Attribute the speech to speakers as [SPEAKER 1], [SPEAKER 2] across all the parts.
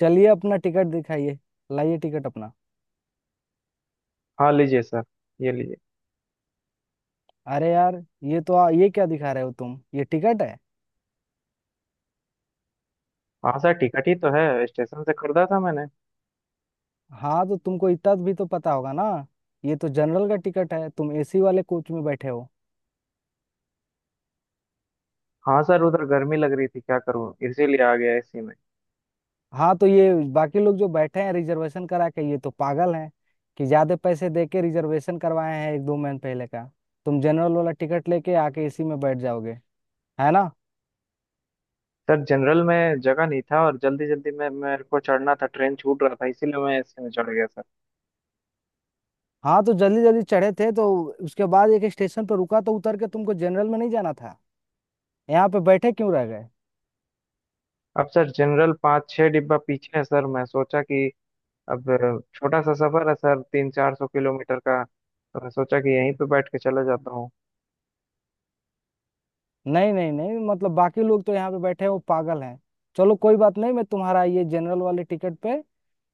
[SPEAKER 1] चलिए अपना टिकट दिखाइए। लाइए टिकट अपना।
[SPEAKER 2] हाँ लीजिए सर। ये लीजिए।
[SPEAKER 1] अरे यार, ये तो ये क्या दिखा रहे हो तुम, ये टिकट है?
[SPEAKER 2] हाँ सर टिकट ही तो है, स्टेशन से खरीदा था मैंने।
[SPEAKER 1] हाँ तो तुमको इतना भी तो पता होगा ना। ये तो जनरल का टिकट है, तुम एसी वाले कोच में बैठे हो।
[SPEAKER 2] हाँ सर उधर गर्मी लग रही थी, क्या करूँ, इसीलिए आ गया इसी में।
[SPEAKER 1] हाँ तो ये बाकी लोग जो बैठे हैं रिजर्वेशन करा के, ये तो पागल हैं कि ज्यादा पैसे दे के रिजर्वेशन करवाए हैं एक दो महीने पहले का। तुम जनरल वाला टिकट लेके आके एसी में बैठ जाओगे, है ना?
[SPEAKER 2] सर जनरल में जगह नहीं था और जल्दी जल्दी में मेरे को चढ़ना था, ट्रेन छूट रहा था, इसीलिए मैं एसी में चढ़ गया सर।
[SPEAKER 1] हाँ तो जल्दी जल्दी चढ़े थे तो उसके बाद एक स्टेशन पर रुका, तो उतर के तुमको जनरल में नहीं जाना था? यहाँ पे बैठे क्यों रह गए?
[SPEAKER 2] अब सर जनरल पाँच छः डिब्बा पीछे है सर, मैं सोचा कि अब छोटा सा सफर है सर, 300-400 किलोमीटर का, तो मैं सोचा कि यहीं पे बैठ के चला जाता हूँ।
[SPEAKER 1] नहीं नहीं नहीं, मतलब बाकी लोग तो यहाँ पे बैठे हैं, वो पागल हैं? चलो कोई बात नहीं, मैं तुम्हारा ये जनरल वाले टिकट पे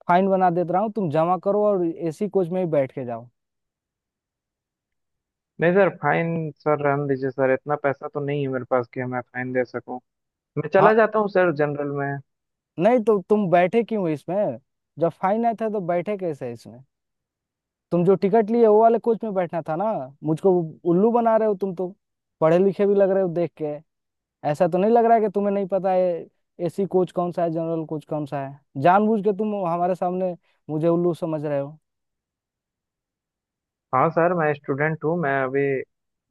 [SPEAKER 1] फाइन बना देता रहा हूँ, तुम जमा करो और एसी कोच में ही बैठ के जाओ।
[SPEAKER 2] नहीं सर फाइन, सर रहने दीजिए सर, इतना पैसा तो नहीं है मेरे पास कि मैं फाइन दे सकूँ। मैं
[SPEAKER 1] हाँ,
[SPEAKER 2] चला जाता हूँ सर जनरल में।
[SPEAKER 1] नहीं तो तुम बैठे क्यों इसमें? जब फाइन आया था तो बैठे कैसे इसमें? तुम जो टिकट लिए वो वाले कोच में बैठना था ना। मुझको उल्लू बना रहे हो तुम तो। पढ़े लिखे भी लग रहे हो देख के। ऐसा तो नहीं लग रहा है कि तुम्हें नहीं पता है एसी कोच कौन सा है, जनरल कोच कौन सा है। जानबूझ के तुम हमारे सामने मुझे उल्लू समझ रहे हो।
[SPEAKER 2] हाँ सर मैं स्टूडेंट हूँ, मैं अभी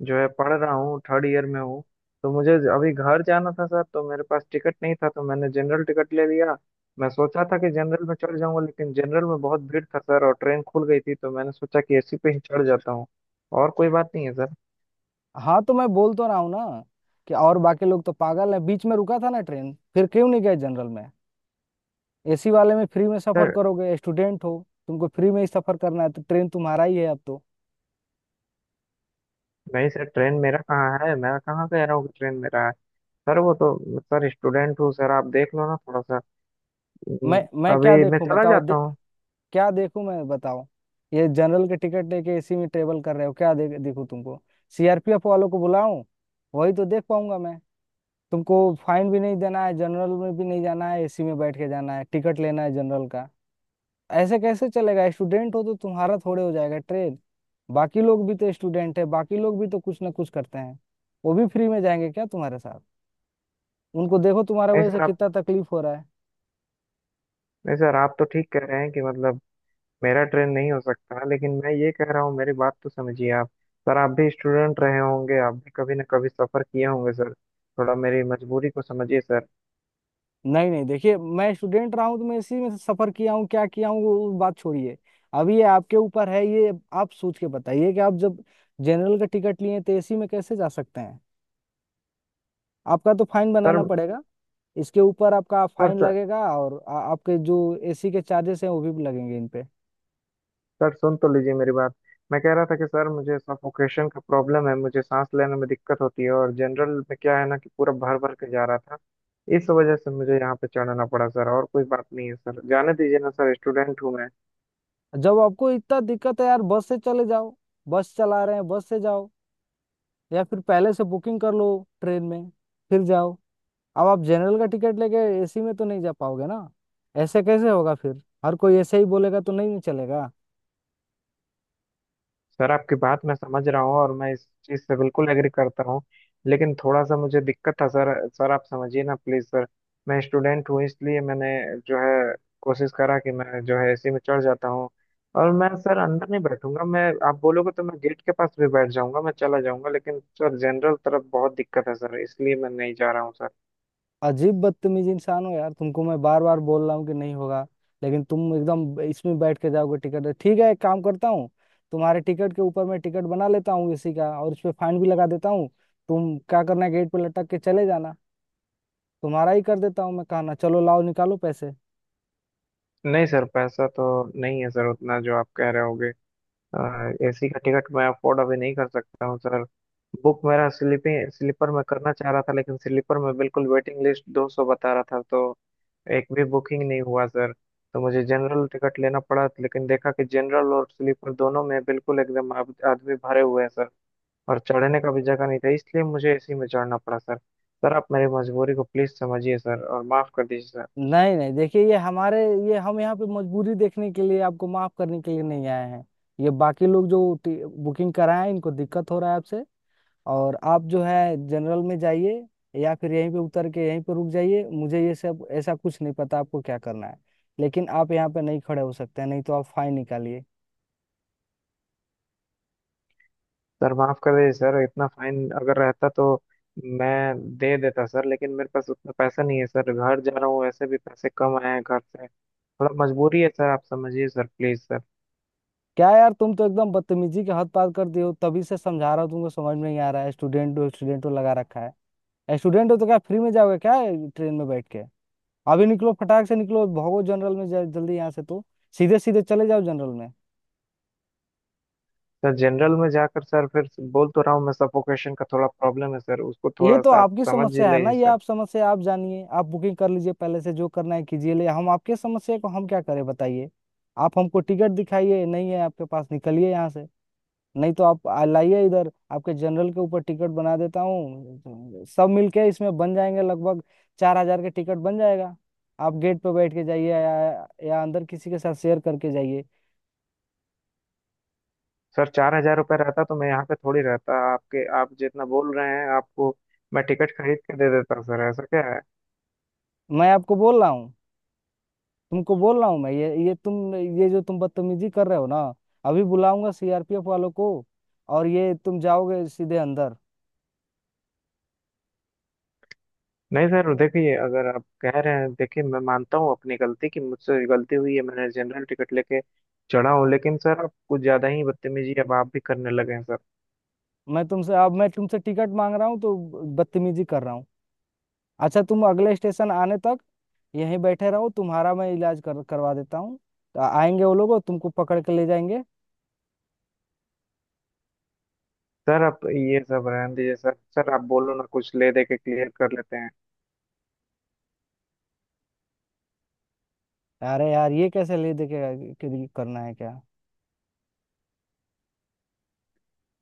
[SPEAKER 2] जो है पढ़ रहा हूँ, थर्ड ईयर में हूँ। तो मुझे अभी घर जाना था सर, तो मेरे पास टिकट नहीं था तो मैंने जनरल टिकट ले लिया। मैं सोचा था कि जनरल में चढ़ जाऊंगा, लेकिन जनरल में बहुत भीड़ था सर, और ट्रेन खुल गई थी, तो मैंने सोचा कि एसी पे ही चढ़ जाता हूँ, और कोई बात नहीं है सर।
[SPEAKER 1] हाँ तो मैं बोल तो रहा हूँ ना कि और बाकी लोग तो पागल हैं? बीच में रुका था ना ट्रेन, फिर क्यों नहीं गए जनरल में? एसी वाले में फ्री में सफर
[SPEAKER 2] सर
[SPEAKER 1] करोगे, स्टूडेंट हो? तुमको फ्री में ही सफर करना है तो ट्रेन तुम्हारा ही है अब तो।
[SPEAKER 2] नहीं सर ट्रेन मेरा कहाँ है, मैं कहाँ कह रहा हूँ कि ट्रेन मेरा है। सर वो तो, सर स्टूडेंट हूँ सर, आप देख लो ना थोड़ा सा। हम्म,
[SPEAKER 1] मैं क्या
[SPEAKER 2] अभी मैं
[SPEAKER 1] देखूं
[SPEAKER 2] चला
[SPEAKER 1] बताओ?
[SPEAKER 2] जाता हूँ।
[SPEAKER 1] क्या देखूं मैं बताओ? ये जनरल के टिकट लेके एसी में ट्रेवल कर रहे हो, क्या देखूं तुमको? सीआरपीएफ वालों को बुलाऊं? वही तो देख पाऊंगा मैं तुमको। फाइन भी नहीं देना है, जनरल में भी नहीं जाना है, एसी में बैठ के जाना है, टिकट लेना है जनरल का। ऐसे कैसे चलेगा? स्टूडेंट हो तो तुम्हारा थोड़े हो जाएगा ट्रेड। बाकी लोग भी तो स्टूडेंट है, बाकी लोग भी तो कुछ ना कुछ करते हैं। वो भी फ्री में जाएंगे क्या तुम्हारे साथ? उनको देखो, तुम्हारे
[SPEAKER 2] नहीं
[SPEAKER 1] वजह से
[SPEAKER 2] सर आप
[SPEAKER 1] कितना तकलीफ हो रहा है।
[SPEAKER 2] नहीं सर आप तो ठीक कह रहे हैं कि मतलब मेरा ट्रेन नहीं हो सकता, लेकिन मैं ये कह रहा हूँ, मेरी बात तो समझिए आप। सर आप भी स्टूडेंट रहे होंगे, आप भी कभी ना कभी सफर किए होंगे सर, थोड़ा मेरी मजबूरी को समझिए सर
[SPEAKER 1] नहीं नहीं देखिए, मैं स्टूडेंट रहा हूँ तो मैं इसी में सफर किया हूँ क्या किया हूँ, वो बात छोड़िए। अब ये आपके ऊपर है, ये आप सोच के बताइए कि आप जब जनरल का टिकट लिए तो एसी में कैसे जा सकते हैं? आपका तो फाइन
[SPEAKER 2] सर
[SPEAKER 1] बनाना पड़ेगा। इसके ऊपर आपका
[SPEAKER 2] सर
[SPEAKER 1] फाइन
[SPEAKER 2] सर
[SPEAKER 1] लगेगा और आपके जो एसी के चार्जेस हैं वो भी लगेंगे इन पे।
[SPEAKER 2] सर सुन तो लीजिए मेरी बात। मैं कह रहा था कि सर मुझे सफोकेशन का प्रॉब्लम है, मुझे सांस लेने में दिक्कत होती है, और जनरल में क्या है ना कि पूरा भर भर के जा रहा था। इस वजह से मुझे यहाँ पे चढ़ना पड़ा सर, और कोई बात नहीं है सर, जाने दीजिए ना सर, स्टूडेंट हूँ मैं।
[SPEAKER 1] जब आपको इतना दिक्कत है यार बस से चले जाओ। बस चला रहे हैं, बस से जाओ। या फिर पहले से बुकिंग कर लो ट्रेन में, फिर जाओ। अब आप जनरल का टिकट लेके एसी में तो नहीं जा पाओगे ना। ऐसे कैसे होगा? फिर हर कोई ऐसे ही बोलेगा तो नहीं चलेगा।
[SPEAKER 2] सर आपकी बात मैं समझ रहा हूँ और मैं इस चीज़ से बिल्कुल एग्री करता हूँ, लेकिन थोड़ा सा मुझे दिक्कत था सर। सर आप समझिए ना प्लीज़ सर। मैं स्टूडेंट हूँ, इसलिए मैंने जो है कोशिश करा कि मैं जो है एसी में चढ़ जाता हूँ। और मैं सर अंदर नहीं बैठूंगा, मैं आप बोलोगे तो मैं गेट के पास भी बैठ जाऊंगा, मैं चला जाऊंगा, लेकिन सर जनरल तरफ बहुत दिक्कत है सर, इसलिए मैं नहीं जा रहा हूँ सर।
[SPEAKER 1] अजीब बदतमीज इंसान हो यार, तुमको मैं बार बार बोल रहा हूँ कि नहीं होगा, लेकिन तुम एकदम इसमें बैठ के जाओगे? टिकट ठीक है, एक काम करता हूँ, तुम्हारे टिकट के ऊपर मैं टिकट बना लेता हूँ एसी का और उस पर फाइन भी लगा देता हूँ। तुम क्या करना है, गेट पे लटक के चले जाना। तुम्हारा ही कर देता हूँ मैं, कहना चलो लाओ निकालो पैसे।
[SPEAKER 2] नहीं सर पैसा तो नहीं है सर उतना जो आप कह रहे होगे, एसी का टिकट मैं अफोर्ड अभी नहीं कर सकता हूँ सर। बुक मेरा स्लीपिंग स्लीपर में करना चाह रहा था, लेकिन स्लीपर में बिल्कुल वेटिंग लिस्ट 200 बता रहा था, तो एक भी बुकिंग नहीं हुआ सर। तो मुझे जनरल टिकट लेना पड़ा, लेकिन देखा कि जनरल और स्लीपर दोनों में बिल्कुल एकदम आदमी भरे हुए हैं सर, और चढ़ने का भी जगह नहीं था, इसलिए मुझे एसी में चढ़ना पड़ा सर। सर आप मेरी मजबूरी को प्लीज समझिए सर और माफ कर दीजिए सर।
[SPEAKER 1] नहीं नहीं देखिए, ये हमारे, ये हम यहाँ पे मजबूरी देखने के लिए आपको माफ करने के लिए नहीं आए हैं। ये बाकी लोग जो बुकिंग कराए हैं, इनको दिक्कत हो रहा है आपसे। और आप जो है जनरल में जाइए, या फिर यहीं पे उतर के यहीं पे रुक जाइए। मुझे ये सब ऐसा कुछ नहीं पता आपको क्या करना है, लेकिन आप यहाँ पे नहीं खड़े हो सकते हैं। नहीं तो आप फाइन निकालिए।
[SPEAKER 2] सर माफ कर दीजिए सर, इतना फाइन अगर रहता तो मैं दे देता सर, लेकिन मेरे पास उतना पैसा नहीं है सर, घर जा रहा हूँ, वैसे भी पैसे कम आए हैं घर से, थोड़ा मजबूरी है सर, आप समझिए सर प्लीज सर।
[SPEAKER 1] क्या यार, तुम तो एकदम बदतमीजी के हद पार कर दिए हो। तभी से समझा रहा हूँ तुमको, समझ में नहीं आ रहा है। स्टूडेंट हो, स्टूडेंट हो लगा रखा है, स्टूडेंट हो तो क्या फ्री में जाओगे क्या ट्रेन में बैठ के? अभी निकलो, फटाक से निकलो, भागो जनरल में, जल्दी यहाँ से तो। सीधे सीधे चले जाओ जनरल में।
[SPEAKER 2] सर जनरल में जाकर सर फिर बोल तो रहा हूँ, मैं सफोकेशन का थोड़ा प्रॉब्लम है सर, उसको
[SPEAKER 1] ये
[SPEAKER 2] थोड़ा
[SPEAKER 1] तो
[SPEAKER 2] सा आप
[SPEAKER 1] आपकी
[SPEAKER 2] समझ ही
[SPEAKER 1] समस्या है ना,
[SPEAKER 2] लीजिए
[SPEAKER 1] ये
[SPEAKER 2] सर।
[SPEAKER 1] आप समस्या आप जानिए। आप बुकिंग कर लीजिए पहले से, जो करना है कीजिए। ले हम आपके समस्या को हम क्या करें बताइए? आप हमको टिकट दिखाइए, नहीं है आपके पास, निकलिए यहाँ से। नहीं तो आप लाइए इधर, आपके जनरल के ऊपर टिकट बना देता हूँ। सब मिलके इसमें बन जाएंगे लगभग 4 हजार के टिकट बन जाएगा। आप गेट पे बैठ के जाइए, या अंदर किसी के साथ शेयर करके जाइए।
[SPEAKER 2] सर 4000 रुपये रहता तो मैं यहाँ पे थोड़ी रहता आपके, आप जितना बोल रहे हैं आपको मैं टिकट खरीद के दे देता सर, ऐसा क्या है।
[SPEAKER 1] मैं आपको बोल रहा हूँ, तुमको बोल रहा हूँ मैं, ये जो तुम बदतमीजी कर रहे हो ना, अभी बुलाऊंगा सीआरपीएफ वालों को, और ये तुम जाओगे सीधे अंदर।
[SPEAKER 2] नहीं सर देखिए, अगर आप कह रहे हैं, देखिए मैं मानता हूँ अपनी गलती कि मुझसे गलती हुई है, मैंने जनरल टिकट लेके चढ़ा हूँ, लेकिन सर आप कुछ ज्यादा ही बदतमीजी अब आप भी करने लगे हैं सर।
[SPEAKER 1] मैं तुमसे टिकट मांग रहा हूँ तो बदतमीजी कर रहा हूँ? अच्छा, तुम अगले स्टेशन आने तक यहीं बैठे रहो, तुम्हारा मैं इलाज कर करवा देता हूँ। तो आएंगे वो लोग और तुमको पकड़ के ले जाएंगे।
[SPEAKER 2] सर आप ये सब रहने दीजिए सर, सर आप बोलो ना, कुछ ले दे के क्लियर कर लेते हैं।
[SPEAKER 1] अरे यार, ये कैसे ले दे के करना है क्या?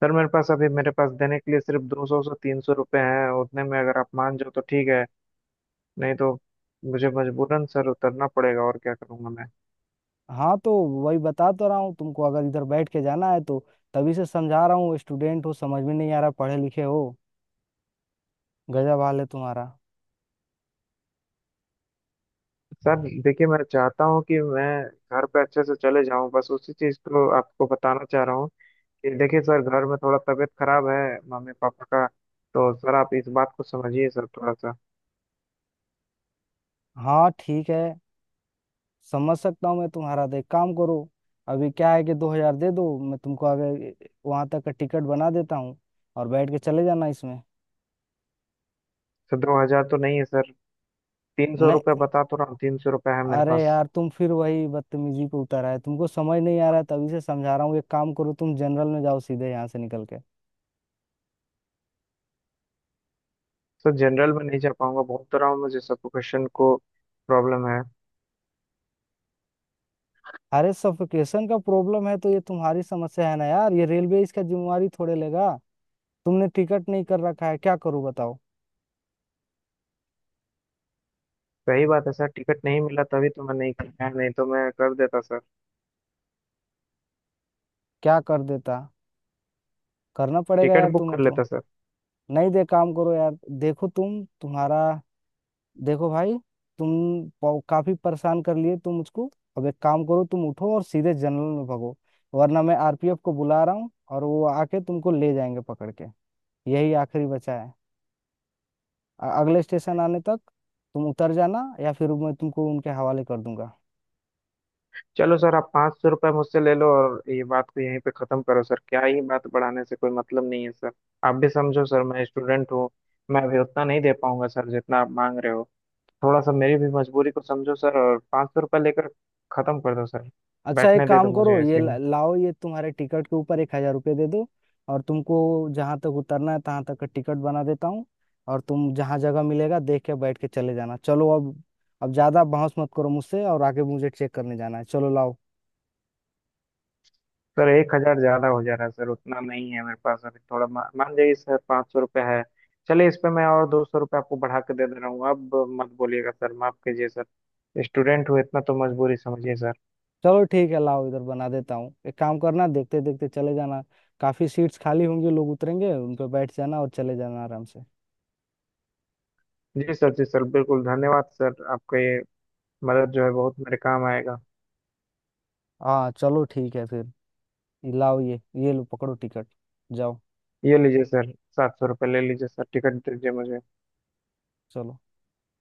[SPEAKER 2] सर मेरे पास देने के लिए सिर्फ 200 से 300 रुपये हैं, उतने में अगर आप मान जाओ तो ठीक है। नहीं तो मुझे मजबूरन सर उतरना पड़ेगा, और क्या करूँगा मैं।
[SPEAKER 1] हाँ तो वही बता तो रहा हूँ तुमको, अगर इधर बैठ के जाना है तो। तभी से समझा रहा हूँ, स्टूडेंट हो, समझ में नहीं आ रहा, पढ़े लिखे हो। गजब हाल है तुम्हारा।
[SPEAKER 2] सर देखिए मैं चाहता हूँ कि मैं घर पे अच्छे से चले जाऊँ, बस उसी चीज़ को आपको बताना चाह रहा हूँ। ये देखिए सर घर में थोड़ा तबीयत खराब है, मम्मी पापा का। तो सर आप इस बात को समझिए सर थोड़ा सा।
[SPEAKER 1] हाँ ठीक है, समझ सकता हूँ मैं तुम्हारा, देख काम करो। अभी क्या है कि 2 हजार दे दो, मैं तुमको आगे वहां तक का टिकट बना देता हूँ और बैठ के चले जाना इसमें।
[SPEAKER 2] सर 2000 तो नहीं है सर, तीन सौ
[SPEAKER 1] नहीं,
[SPEAKER 2] रुपये बता तो रहा हूँ, 300 रुपये है मेरे
[SPEAKER 1] अरे
[SPEAKER 2] पास।
[SPEAKER 1] यार, तुम फिर वही बदतमीजी पे उतर आए, तुमको समझ नहीं आ रहा है, तभी से समझा रहा हूँ। एक काम करो तुम, जनरल में जाओ सीधे यहाँ से निकल के।
[SPEAKER 2] सर जनरल में नहीं जा पाऊंगा, बोल तो रहा हूँ मुझे सफोकेशन को प्रॉब्लम है।
[SPEAKER 1] अरे सफोकेशन का प्रॉब्लम है तो ये तुम्हारी समस्या है ना यार, ये रेलवे इसका जिम्मेवारी थोड़े लेगा। तुमने टिकट नहीं कर रखा है, क्या करूँ बताओ?
[SPEAKER 2] सही बात है सर, टिकट नहीं मिला तभी तो मैं नहीं किया, नहीं तो मैं कर देता सर,
[SPEAKER 1] क्या कर देता? करना पड़ेगा
[SPEAKER 2] टिकट
[SPEAKER 1] यार
[SPEAKER 2] बुक
[SPEAKER 1] तुम्हें
[SPEAKER 2] कर
[SPEAKER 1] तो।
[SPEAKER 2] लेता सर।
[SPEAKER 1] नहीं दे काम करो यार। देखो तुम, तुम्हारा देखो भाई, तुम काफी परेशान कर लिए तुम मुझको। अब एक काम करो, तुम उठो और सीधे जंगल में भागो, वरना मैं आरपीएफ को बुला रहा हूँ और वो आके तुमको ले जाएंगे पकड़ के। यही आखिरी बचा है। अगले स्टेशन आने तक तुम उतर जाना, या फिर मैं तुमको उनके हवाले कर दूंगा।
[SPEAKER 2] चलो सर आप 500 रुपये मुझसे ले लो और ये बात को यहीं पे ख़त्म करो सर, क्या ही बात बढ़ाने से कोई मतलब नहीं है सर। आप भी समझो सर मैं स्टूडेंट हूँ, मैं अभी उतना नहीं दे पाऊंगा सर जितना आप मांग रहे हो, थोड़ा सा मेरी भी मजबूरी को समझो सर और 500 रुपये लेकर ख़त्म कर दो सर।
[SPEAKER 1] अच्छा एक
[SPEAKER 2] बैठने दे दो
[SPEAKER 1] काम करो,
[SPEAKER 2] मुझे
[SPEAKER 1] ये
[SPEAKER 2] इसी में।
[SPEAKER 1] लाओ, ये तुम्हारे टिकट के ऊपर 1 हजार रुपये दे दो और तुमको जहाँ तक उतरना है तहाँ तक का टिकट बना देता हूँ, और तुम जहाँ जगह मिलेगा देख के बैठ के चले जाना। चलो अब ज्यादा बहस मत करो मुझसे, और आगे मुझे चेक करने जाना है। चलो लाओ।
[SPEAKER 2] सर 1000 ज़्यादा हो जा रहा है सर, उतना नहीं है मेरे पास अभी, थोड़ा मान जाइए सर, 500 रुपये है। चलिए इस पे मैं और 200 रुपये आपको बढ़ा के दे दे रहा हूँ, अब मत बोलिएगा सर, माफ़ कीजिए सर, स्टूडेंट हूँ इतना तो मजबूरी समझिए सर।
[SPEAKER 1] चलो ठीक है, लाओ इधर बना देता हूँ। एक काम करना, देखते देखते चले जाना। काफी सीट्स खाली होंगी, लोग उतरेंगे, उन पर बैठ जाना और चले जाना आराम से।
[SPEAKER 2] जी सर, जी सर, बिल्कुल, धन्यवाद सर, आपका ये मदद जो है बहुत मेरे काम आएगा।
[SPEAKER 1] हाँ चलो ठीक है फिर, ये लाओ, ये लो पकड़ो टिकट, जाओ।
[SPEAKER 2] ये लीजिए सर, 700 रुपये ले लीजिए सर, टिकट दीजिए मुझे।
[SPEAKER 1] चलो।